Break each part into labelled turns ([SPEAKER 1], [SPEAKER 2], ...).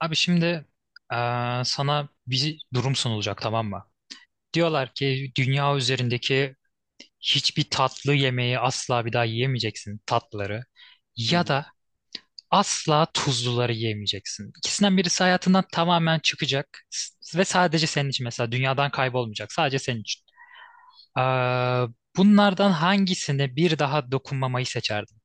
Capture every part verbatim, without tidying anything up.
[SPEAKER 1] Abi şimdi eee, sana bir durum sunulacak, tamam mı? Diyorlar ki dünya üzerindeki hiçbir tatlı yemeği asla bir daha yiyemeyeceksin, tatlıları,
[SPEAKER 2] Hı
[SPEAKER 1] ya
[SPEAKER 2] hı.
[SPEAKER 1] da asla tuzluları yiyemeyeceksin. İkisinden birisi hayatından tamamen çıkacak, s- ve sadece senin için, mesela dünyadan kaybolmayacak, sadece senin için. Eee, Bunlardan hangisine bir daha dokunmamayı seçerdin?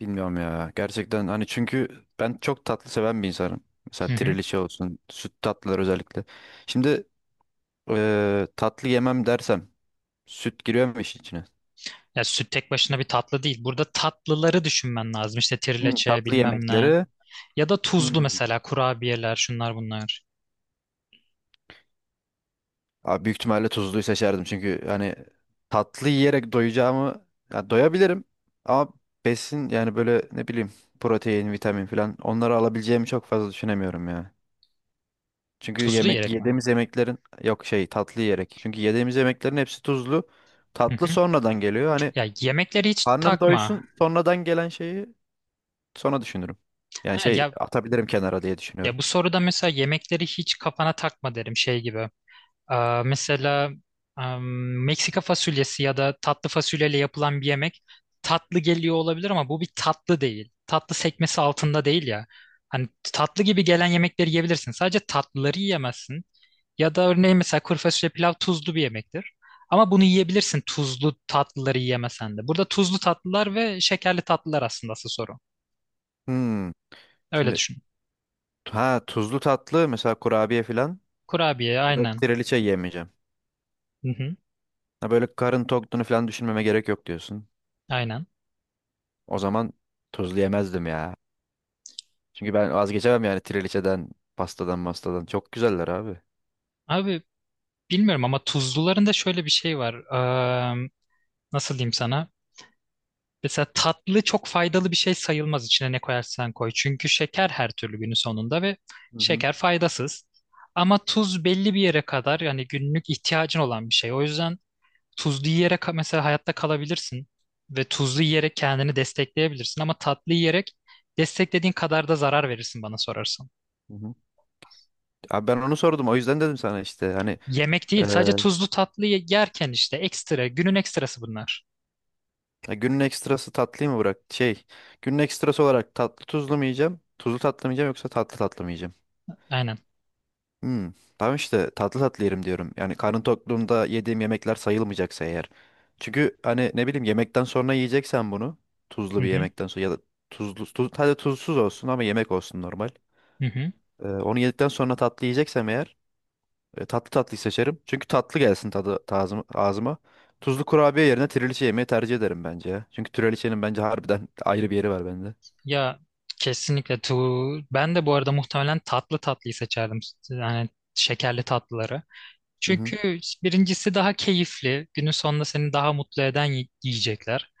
[SPEAKER 2] Bilmiyorum ya. Gerçekten hani çünkü ben çok tatlı seven bir insanım. Mesela
[SPEAKER 1] Hı hı.
[SPEAKER 2] trileçe olsun, süt tatlılar özellikle. Şimdi eee, tatlı yemem dersem süt giriyor mu işin içine?
[SPEAKER 1] Ya süt tek başına bir tatlı değil. Burada tatlıları düşünmen lazım. İşte
[SPEAKER 2] Hı,
[SPEAKER 1] trileçe
[SPEAKER 2] tatlı
[SPEAKER 1] bilmem ne.
[SPEAKER 2] yemekleri.
[SPEAKER 1] Ya da
[SPEAKER 2] Hı.
[SPEAKER 1] tuzlu, mesela kurabiyeler, şunlar bunlar.
[SPEAKER 2] Abi büyük ihtimalle tuzluyu seçerdim. Çünkü hani tatlı yiyerek doyacağımı ya doyabilirim ama besin yani böyle ne bileyim protein, vitamin falan onları alabileceğimi çok fazla düşünemiyorum ya. Çünkü
[SPEAKER 1] Tuzlu
[SPEAKER 2] yemek
[SPEAKER 1] yiyerek mi?
[SPEAKER 2] yediğimiz yemeklerin. Yok, şey, tatlı yiyerek. Çünkü yediğimiz yemeklerin hepsi tuzlu.
[SPEAKER 1] Hı
[SPEAKER 2] Tatlı
[SPEAKER 1] hı.
[SPEAKER 2] sonradan geliyor. Hani
[SPEAKER 1] Ya yemekleri hiç
[SPEAKER 2] karnım
[SPEAKER 1] takma.
[SPEAKER 2] doysun, sonradan gelen şeyi sonra düşünürüm. Yani
[SPEAKER 1] Ha,
[SPEAKER 2] şey
[SPEAKER 1] ya
[SPEAKER 2] atabilirim kenara diye düşünüyorum.
[SPEAKER 1] ya bu soruda mesela yemekleri hiç kafana takma derim, şey gibi. Aa, mesela am, Meksika fasulyesi ya da tatlı fasulyeyle yapılan bir yemek tatlı geliyor olabilir, ama bu bir tatlı değil. Tatlı sekmesi altında değil ya. Hani tatlı gibi gelen yemekleri yiyebilirsin. Sadece tatlıları yiyemezsin. Ya da örneğin mesela kuru fasulye pilav tuzlu bir yemektir. Ama bunu yiyebilirsin, tuzlu tatlıları yiyemesen de. Burada tuzlu tatlılar ve şekerli tatlılar aslında asıl soru.
[SPEAKER 2] Hmm.
[SPEAKER 1] Öyle
[SPEAKER 2] Şimdi
[SPEAKER 1] düşün.
[SPEAKER 2] ha, tuzlu tatlı mesela kurabiye falan
[SPEAKER 1] Kurabiye
[SPEAKER 2] ya da
[SPEAKER 1] aynen.
[SPEAKER 2] triliçe yemeyeceğim.
[SPEAKER 1] Hı hı,
[SPEAKER 2] Ha böyle karın tokluğunu falan düşünmeme gerek yok diyorsun.
[SPEAKER 1] aynen.
[SPEAKER 2] O zaman tuzlu yemezdim ya. Çünkü ben vazgeçemem yani triliçeden, pastadan, mastadan. Çok güzeller abi.
[SPEAKER 1] Abi bilmiyorum ama tuzluların da şöyle bir şey var. Eee, Nasıl diyeyim sana? Mesela tatlı çok faydalı bir şey sayılmaz, içine ne koyarsan koy. Çünkü şeker her türlü günün sonunda, ve
[SPEAKER 2] Hı hı.
[SPEAKER 1] şeker faydasız. Ama tuz belli bir yere kadar yani günlük ihtiyacın olan bir şey. O yüzden tuzlu yiyerek mesela hayatta kalabilirsin ve tuzlu yiyerek kendini destekleyebilirsin, ama tatlı yiyerek desteklediğin kadar da zarar verirsin bana sorarsan.
[SPEAKER 2] Hı hı. Abi ben onu sordum. O yüzden dedim sana, işte hani.
[SPEAKER 1] Yemek değil,
[SPEAKER 2] Ee,
[SPEAKER 1] sadece tuzlu tatlı ye- yerken işte ekstra, günün ekstrası bunlar.
[SPEAKER 2] Ya günün ekstrası tatlıyı mı bırak? Şey, günün ekstrası olarak tatlı tuzlu mu yiyeceğim? Tuzlu tatlı mı yiyeceğim yoksa tatlı tatlı mı yiyeceğim?
[SPEAKER 1] Aynen.
[SPEAKER 2] Hmm, tamam işte tatlı tatlı yerim diyorum. Yani karnım tokluğumda yediğim yemekler sayılmayacaksa eğer. Çünkü hani ne bileyim, yemekten sonra yiyeceksen bunu. Tuzlu
[SPEAKER 1] Hı
[SPEAKER 2] bir
[SPEAKER 1] hı.
[SPEAKER 2] yemekten sonra ya da tuzlu, tuz, hadi tuzsuz olsun ama yemek olsun normal.
[SPEAKER 1] Hı hı.
[SPEAKER 2] Ee, onu yedikten sonra tatlı yiyeceksem eğer, E, tatlı tatlıyı seçerim. Çünkü tatlı gelsin tadı, tazım- ağzıma. Tuzlu kurabiye yerine trileçe yemeyi tercih ederim bence ya. Çünkü trileçenin bence harbiden ayrı bir yeri var bende.
[SPEAKER 1] Ya kesinlikle tu Ben de bu arada muhtemelen tatlı tatlıyı seçerdim. Yani şekerli tatlıları.
[SPEAKER 2] Hı hı.
[SPEAKER 1] Çünkü birincisi daha keyifli. Günün sonunda seni daha mutlu eden yi- yiyecekler.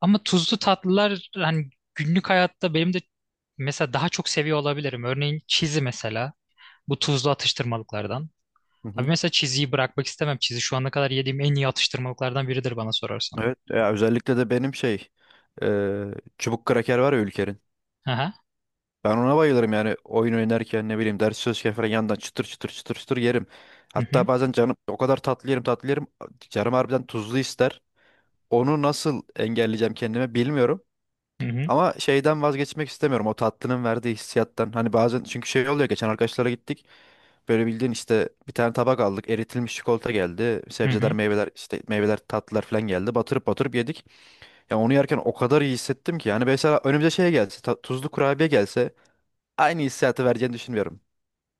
[SPEAKER 1] Ama tuzlu tatlılar hani günlük hayatta benim de mesela daha çok seviyor olabilirim. Örneğin çizi mesela. Bu tuzlu atıştırmalıklardan.
[SPEAKER 2] Hı
[SPEAKER 1] Abi
[SPEAKER 2] hı.
[SPEAKER 1] mesela çiziyi bırakmak istemem. Çizi şu ana kadar yediğim en iyi atıştırmalıklardan biridir bana sorarsan.
[SPEAKER 2] Evet ya, özellikle de benim şey e, çubuk kraker var ya Ülker'in.
[SPEAKER 1] Aha.
[SPEAKER 2] Ben ona bayılırım yani oyun oynarken ne bileyim, ders çalışırken falan yandan çıtır çıtır çıtır çıtır yerim.
[SPEAKER 1] Hı hı.
[SPEAKER 2] Hatta bazen canım o kadar tatlı yerim, tatlı yerim, canım harbiden tuzlu ister. Onu nasıl engelleyeceğim kendime bilmiyorum.
[SPEAKER 1] Hı hı.
[SPEAKER 2] Ama şeyden vazgeçmek istemiyorum. O tatlının verdiği hissiyattan. Hani bazen çünkü şey oluyor. Geçen arkadaşlara gittik. Böyle bildiğin işte bir tane tabak aldık. Eritilmiş çikolata geldi.
[SPEAKER 1] Hı
[SPEAKER 2] Sebzeler,
[SPEAKER 1] hı.
[SPEAKER 2] meyveler, işte meyveler, tatlılar falan geldi. Batırıp batırıp yedik. Ya onu yerken o kadar iyi hissettim ki. Yani mesela önümüze şey gelse, ta- tuzlu kurabiye gelse, aynı hissiyatı vereceğini düşünmüyorum.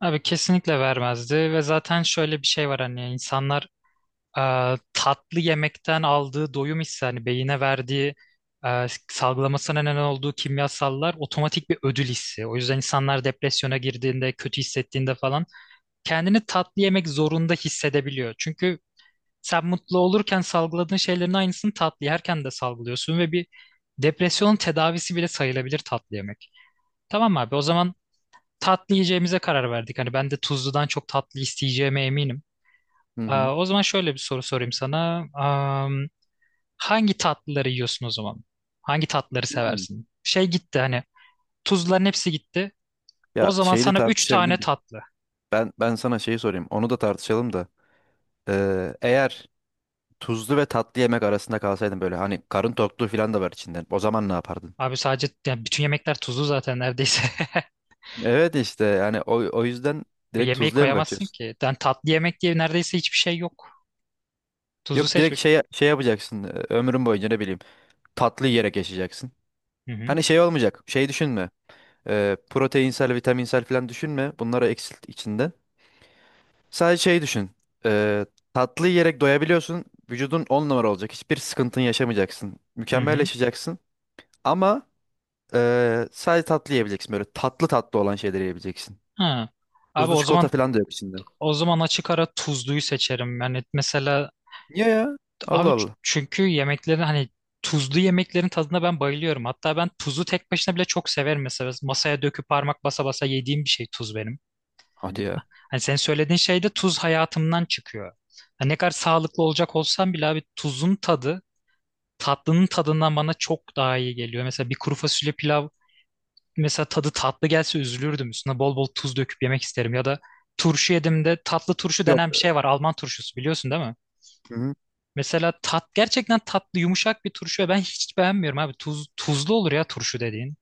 [SPEAKER 1] Abi kesinlikle vermezdi, ve zaten şöyle bir şey var, hani insanlar e, tatlı yemekten aldığı doyum hissi, hani beyine verdiği, e, salgılamasına neden olduğu kimyasallar otomatik bir ödül hissi. O yüzden insanlar depresyona girdiğinde, kötü hissettiğinde falan kendini tatlı yemek zorunda hissedebiliyor. Çünkü sen mutlu olurken salgıladığın şeylerin aynısını tatlı yerken de salgılıyorsun, ve bir depresyon tedavisi bile sayılabilir tatlı yemek. Tamam abi, o zaman tatlı yiyeceğimize karar verdik. Hani ben de tuzludan çok tatlı isteyeceğime eminim.
[SPEAKER 2] Hı hı.
[SPEAKER 1] Aa, o zaman şöyle bir soru sorayım sana. Hangi tatlıları yiyorsun o zaman? Hangi tatlıları
[SPEAKER 2] Hmm.
[SPEAKER 1] seversin? Şey gitti hani, tuzların hepsi gitti. O
[SPEAKER 2] Ya
[SPEAKER 1] zaman
[SPEAKER 2] şeyi de
[SPEAKER 1] sana üç tane
[SPEAKER 2] tartışabilirdik.
[SPEAKER 1] tatlı.
[SPEAKER 2] Ben ben sana şeyi sorayım. Onu da tartışalım da. Ee, eğer tuzlu ve tatlı yemek arasında kalsaydın, böyle hani karın tokluğu falan da var içinden, o zaman ne yapardın?
[SPEAKER 1] Abi sadece yani bütün yemekler tuzlu zaten neredeyse.
[SPEAKER 2] Evet işte yani o, o yüzden direkt
[SPEAKER 1] Yemeği
[SPEAKER 2] tuzluya mı
[SPEAKER 1] koyamazsın
[SPEAKER 2] kaçıyorsun?
[SPEAKER 1] ki. Yani tatlı yemek diye neredeyse hiçbir şey yok. Tuzlu
[SPEAKER 2] Yok, direkt
[SPEAKER 1] seçmek.
[SPEAKER 2] şey şey yapacaksın, e, ömrün boyunca ne bileyim tatlı yiyerek yaşayacaksın.
[SPEAKER 1] Hı hı.
[SPEAKER 2] Hani şey olmayacak, şey düşünme, e, proteinsel vitaminsel falan düşünme, bunları eksilt içinde. Sadece şey düşün, e, tatlı yiyerek doyabiliyorsun, vücudun on numara olacak, hiçbir sıkıntın yaşamayacaksın,
[SPEAKER 1] Hı
[SPEAKER 2] mükemmel
[SPEAKER 1] hı.
[SPEAKER 2] yaşayacaksın ama e, sadece tatlı yiyebileceksin, böyle tatlı tatlı olan şeyleri yiyebileceksin.
[SPEAKER 1] Ha. Abi
[SPEAKER 2] Tuzlu
[SPEAKER 1] o zaman,
[SPEAKER 2] çikolata falan da yok içinde.
[SPEAKER 1] o zaman açık ara tuzluyu seçerim. Yani mesela
[SPEAKER 2] Niye ya?
[SPEAKER 1] Abi
[SPEAKER 2] Allah
[SPEAKER 1] ç-
[SPEAKER 2] Allah.
[SPEAKER 1] çünkü yemeklerin hani tuzlu yemeklerin tadına ben bayılıyorum. Hatta ben tuzu tek başına bile çok severim mesela. Masaya döküp parmak basa basa yediğim bir şey tuz benim.
[SPEAKER 2] Hadi ya.
[SPEAKER 1] Hani sen söylediğin şey de tuz hayatımdan çıkıyor. Hani ne kadar sağlıklı olacak olsam bile abi tuzun tadı tatlının tadından bana çok daha iyi geliyor. Mesela bir kuru fasulye pilav mesela tadı tatlı gelse üzülürdüm. Üstüne bol bol tuz döküp yemek isterim. Ya da turşu yedim de, tatlı turşu
[SPEAKER 2] Yok.
[SPEAKER 1] denen bir şey var. Alman turşusu biliyorsun değil mi?
[SPEAKER 2] Hı.
[SPEAKER 1] Mesela tat gerçekten tatlı, yumuşak bir turşu ve ben hiç beğenmiyorum abi. Tuz, tuzlu olur ya turşu dediğin.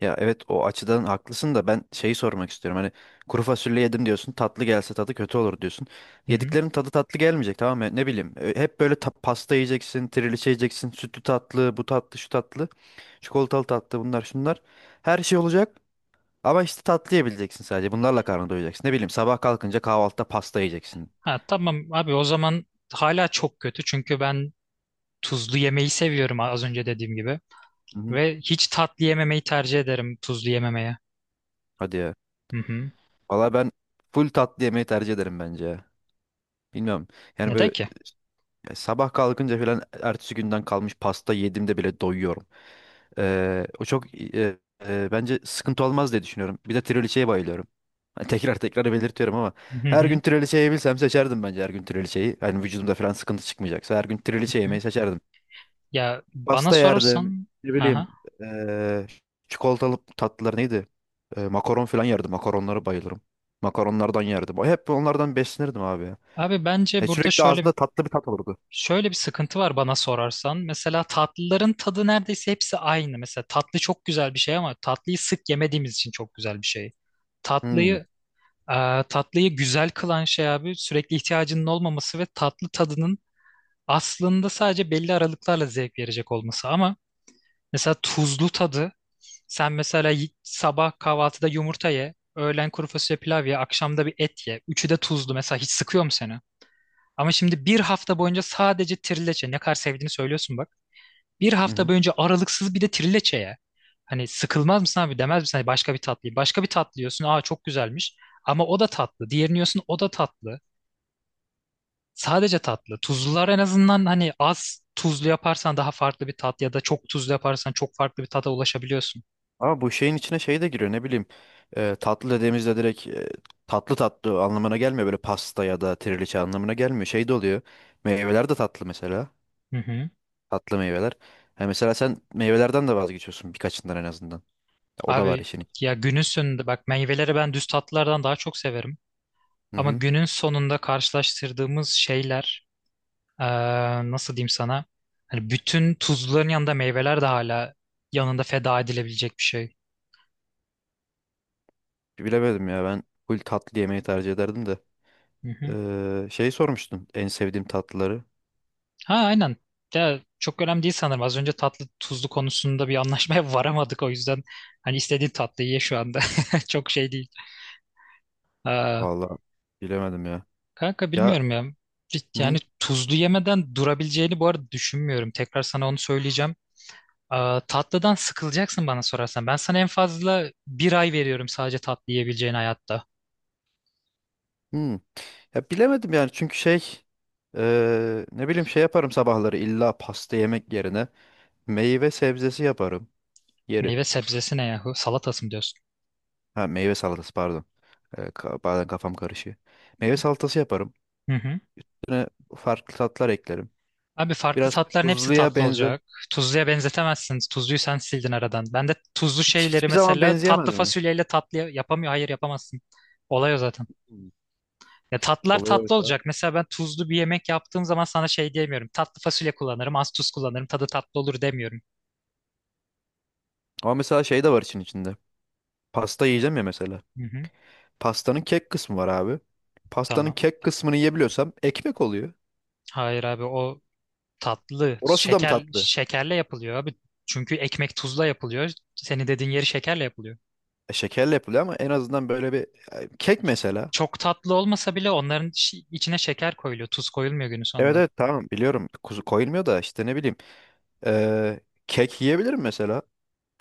[SPEAKER 2] Ya evet, o açıdan haklısın da ben şeyi sormak istiyorum. Hani kuru fasulye yedim diyorsun. Tatlı gelse tadı kötü olur diyorsun.
[SPEAKER 1] Hı hı.
[SPEAKER 2] Yediklerin tadı tatlı gelmeyecek, tamam mı? Ne bileyim. e, Hep böyle ta- pasta yiyeceksin, trileçe yiyeceksin, sütlü tatlı, bu tatlı, şu tatlı, çikolatalı tatlı, bunlar şunlar. Her şey olacak ama işte tatlı yiyebileceksin sadece. Bunlarla karnını doyacaksın. Ne bileyim, sabah kalkınca kahvaltıda pasta yiyeceksin.
[SPEAKER 1] Ha tamam abi, o zaman hala çok kötü, çünkü ben tuzlu yemeyi seviyorum az önce dediğim gibi.
[SPEAKER 2] Hı hı.
[SPEAKER 1] Ve hiç tatlı yememeyi tercih ederim tuzlu yememeye.
[SPEAKER 2] Hadi ya.
[SPEAKER 1] Hı hı.
[SPEAKER 2] Valla ben full tatlı yemeyi tercih ederim bence ya. Bilmiyorum. Yani
[SPEAKER 1] Neden
[SPEAKER 2] böyle.
[SPEAKER 1] ki?
[SPEAKER 2] E, Sabah kalkınca falan ertesi günden kalmış pasta yediğimde bile doyuyorum. Ee, o çok e, e, bence sıkıntı olmaz diye düşünüyorum. Bir de trileçeye bayılıyorum. Ha, tekrar tekrar belirtiyorum ama
[SPEAKER 1] Hı
[SPEAKER 2] her gün
[SPEAKER 1] hı.
[SPEAKER 2] trileçe yiyebilsem seçerdim bence her gün trileçeyi. Hani vücudumda falan sıkıntı çıkmayacaksa, her gün
[SPEAKER 1] Hı
[SPEAKER 2] trileçe
[SPEAKER 1] hı.
[SPEAKER 2] yemeyi seçerdim.
[SPEAKER 1] Ya bana
[SPEAKER 2] Pasta yerdim.
[SPEAKER 1] sorarsan
[SPEAKER 2] Ne bileyim,
[SPEAKER 1] ha
[SPEAKER 2] e, çikolatalı tatlılar neydi? E, makaron falan yerdim. Makaronlara bayılırım. Makaronlardan yerdim. Hep onlardan beslenirdim abi. Ya.
[SPEAKER 1] Abi bence
[SPEAKER 2] E,
[SPEAKER 1] burada
[SPEAKER 2] sürekli
[SPEAKER 1] şöyle
[SPEAKER 2] ağzımda
[SPEAKER 1] bir-
[SPEAKER 2] tatlı bir tat olurdu.
[SPEAKER 1] Şöyle bir sıkıntı var bana sorarsan. Mesela tatlıların tadı neredeyse hepsi aynı. Mesela tatlı çok güzel bir şey, ama tatlıyı sık yemediğimiz için çok güzel bir şey.
[SPEAKER 2] Hmm.
[SPEAKER 1] Tatlıyı e, Tatlıyı güzel kılan şey abi sürekli ihtiyacının olmaması ve tatlı tadının aslında sadece belli aralıklarla zevk verecek olması. Ama mesela tuzlu tadı, sen mesela y- sabah kahvaltıda yumurta ye, öğlen kuru fasulye pilav ye, akşamda bir et ye. Üçü de tuzlu. Mesela hiç sıkıyor mu seni? Ama şimdi bir hafta boyunca sadece trileçe ne kadar sevdiğini söylüyorsun bak. Bir
[SPEAKER 2] Hı
[SPEAKER 1] hafta
[SPEAKER 2] hı.
[SPEAKER 1] boyunca aralıksız bir de trileçe ya. Hani sıkılmaz mısın abi, demez misin hani başka bir tatlıyı. Başka bir tatlı yiyorsun, aa çok güzelmiş. Ama o da tatlı. Diğerini yiyorsun, o da tatlı. Sadece tatlı. Tuzlular en azından, hani az tuzlu yaparsan daha farklı bir tat, ya da çok tuzlu yaparsan çok farklı bir tada ulaşabiliyorsun.
[SPEAKER 2] Ama bu şeyin içine şey de giriyor, ne bileyim. E, tatlı dediğimizde direkt e, tatlı tatlı anlamına gelmiyor. Böyle pasta ya da triliçe anlamına gelmiyor. Şey de oluyor. Meyveler de tatlı mesela.
[SPEAKER 1] Hı hı.
[SPEAKER 2] Tatlı meyveler. Ha, mesela sen meyvelerden de vazgeçiyorsun, birkaçından en azından. O da var
[SPEAKER 1] Abi
[SPEAKER 2] işin. iç-
[SPEAKER 1] ya günün sonunda bak, meyveleri ben düz tatlılardan daha çok severim.
[SPEAKER 2] Hı
[SPEAKER 1] Ama
[SPEAKER 2] hı.
[SPEAKER 1] günün sonunda karşılaştırdığımız şeyler, Ee, nasıl diyeyim sana? Hani bütün tuzluların yanında meyveler de hala yanında feda edilebilecek bir şey.
[SPEAKER 2] Bilemedim ya, ben full tatlı yemeği tercih ederdim de.
[SPEAKER 1] Hı hı.
[SPEAKER 2] Ee, şey sormuştun en sevdiğim tatlıları.
[SPEAKER 1] Ha aynen. Ya, çok önemli değil sanırım. Az önce tatlı tuzlu konusunda bir anlaşmaya varamadık, o yüzden hani istediğin tatlıyı ye şu anda. Çok şey değil. Ee,
[SPEAKER 2] Vallahi bilemedim ya.
[SPEAKER 1] kanka
[SPEAKER 2] Ya
[SPEAKER 1] bilmiyorum ya. Yani
[SPEAKER 2] hı.
[SPEAKER 1] tuzlu yemeden durabileceğini bu arada düşünmüyorum. Tekrar sana onu söyleyeceğim. Ee, tatlıdan sıkılacaksın bana sorarsan. Ben sana en fazla bir ay veriyorum sadece tatlı yiyebileceğin hayatta.
[SPEAKER 2] Hmm. Ya bilemedim yani, çünkü şey eee, ne bileyim, şey yaparım sabahları, illa pasta yemek yerine meyve sebzesi yaparım, yerim.
[SPEAKER 1] Meyve sebzesi ne yahu? Salatası mı diyorsun?
[SPEAKER 2] Ha, meyve salatası pardon. Eee, ka- bazen kafam karışıyor. Meyve salatası yaparım.
[SPEAKER 1] Hı hı.
[SPEAKER 2] Üstüne farklı tatlar eklerim.
[SPEAKER 1] Abi farklı
[SPEAKER 2] Biraz
[SPEAKER 1] tatların hepsi
[SPEAKER 2] tuzluya
[SPEAKER 1] tatlı
[SPEAKER 2] benzer.
[SPEAKER 1] olacak. Tuzluya benzetemezsiniz. Tuzluyu sen sildin aradan. Ben de tuzlu
[SPEAKER 2] Hiç-
[SPEAKER 1] şeyleri
[SPEAKER 2] hiçbir zaman
[SPEAKER 1] mesela tatlı
[SPEAKER 2] benzeyemez mi?
[SPEAKER 1] fasulyeyle tatlı yapamıyor. Hayır yapamazsın. Olay o zaten.
[SPEAKER 2] Hmm.
[SPEAKER 1] Ya tatlılar
[SPEAKER 2] Olay
[SPEAKER 1] tatlı
[SPEAKER 2] oysa.
[SPEAKER 1] olacak. Mesela ben tuzlu bir yemek yaptığım zaman sana şey diyemiyorum. Tatlı fasulye kullanırım, az tuz kullanırım. Tadı tatlı olur demiyorum.
[SPEAKER 2] Ama mesela şey de var için içinde. Pasta yiyeceğim ya mesela.
[SPEAKER 1] Hı hı.
[SPEAKER 2] Pastanın kek kısmı var abi. Pastanın
[SPEAKER 1] Tamam.
[SPEAKER 2] kek kısmını yiyebiliyorsam ekmek oluyor.
[SPEAKER 1] Hayır abi o tatlı.
[SPEAKER 2] Orası da mı
[SPEAKER 1] Şeker
[SPEAKER 2] tatlı?
[SPEAKER 1] şekerle yapılıyor abi. Çünkü ekmek tuzla yapılıyor. Senin dediğin yeri şekerle yapılıyor.
[SPEAKER 2] E, Şekerle yapılıyor ama en azından böyle bir e, kek mesela.
[SPEAKER 1] Çok tatlı olmasa bile onların şi- içine şeker koyuluyor. Tuz koyulmuyor günün
[SPEAKER 2] Evet,
[SPEAKER 1] sonunda
[SPEAKER 2] evet, tamam biliyorum kuzu koyulmuyor da, işte ne bileyim e, kek yiyebilirim mesela.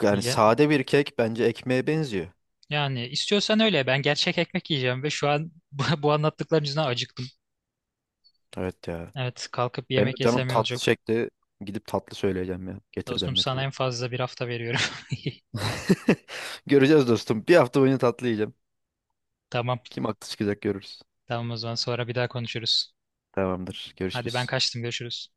[SPEAKER 2] Yani
[SPEAKER 1] diye.
[SPEAKER 2] sade bir kek bence ekmeğe benziyor.
[SPEAKER 1] Yani istiyorsan öyle. Ben gerçek ekmek yiyeceğim, ve şu an bu, bu anlattıkların yüzünden acıktım.
[SPEAKER 2] Evet ya.
[SPEAKER 1] Evet, kalkıp bir
[SPEAKER 2] Benim de
[SPEAKER 1] yemek
[SPEAKER 2] canım
[SPEAKER 1] yesem iyi
[SPEAKER 2] tatlı
[SPEAKER 1] olacak.
[SPEAKER 2] çekti. Gidip tatlı söyleyeceğim ya. Getirden
[SPEAKER 1] Dostum sana en
[SPEAKER 2] metirden.
[SPEAKER 1] fazla bir hafta veriyorum.
[SPEAKER 2] Göreceğiz dostum. Bir hafta boyunca tatlı yiyeceğim.
[SPEAKER 1] Tamam.
[SPEAKER 2] Kim haklı çıkacak görürüz.
[SPEAKER 1] Tamam o zaman sonra bir daha konuşuruz.
[SPEAKER 2] Tamamdır.
[SPEAKER 1] Hadi ben
[SPEAKER 2] Görüşürüz.
[SPEAKER 1] kaçtım, görüşürüz.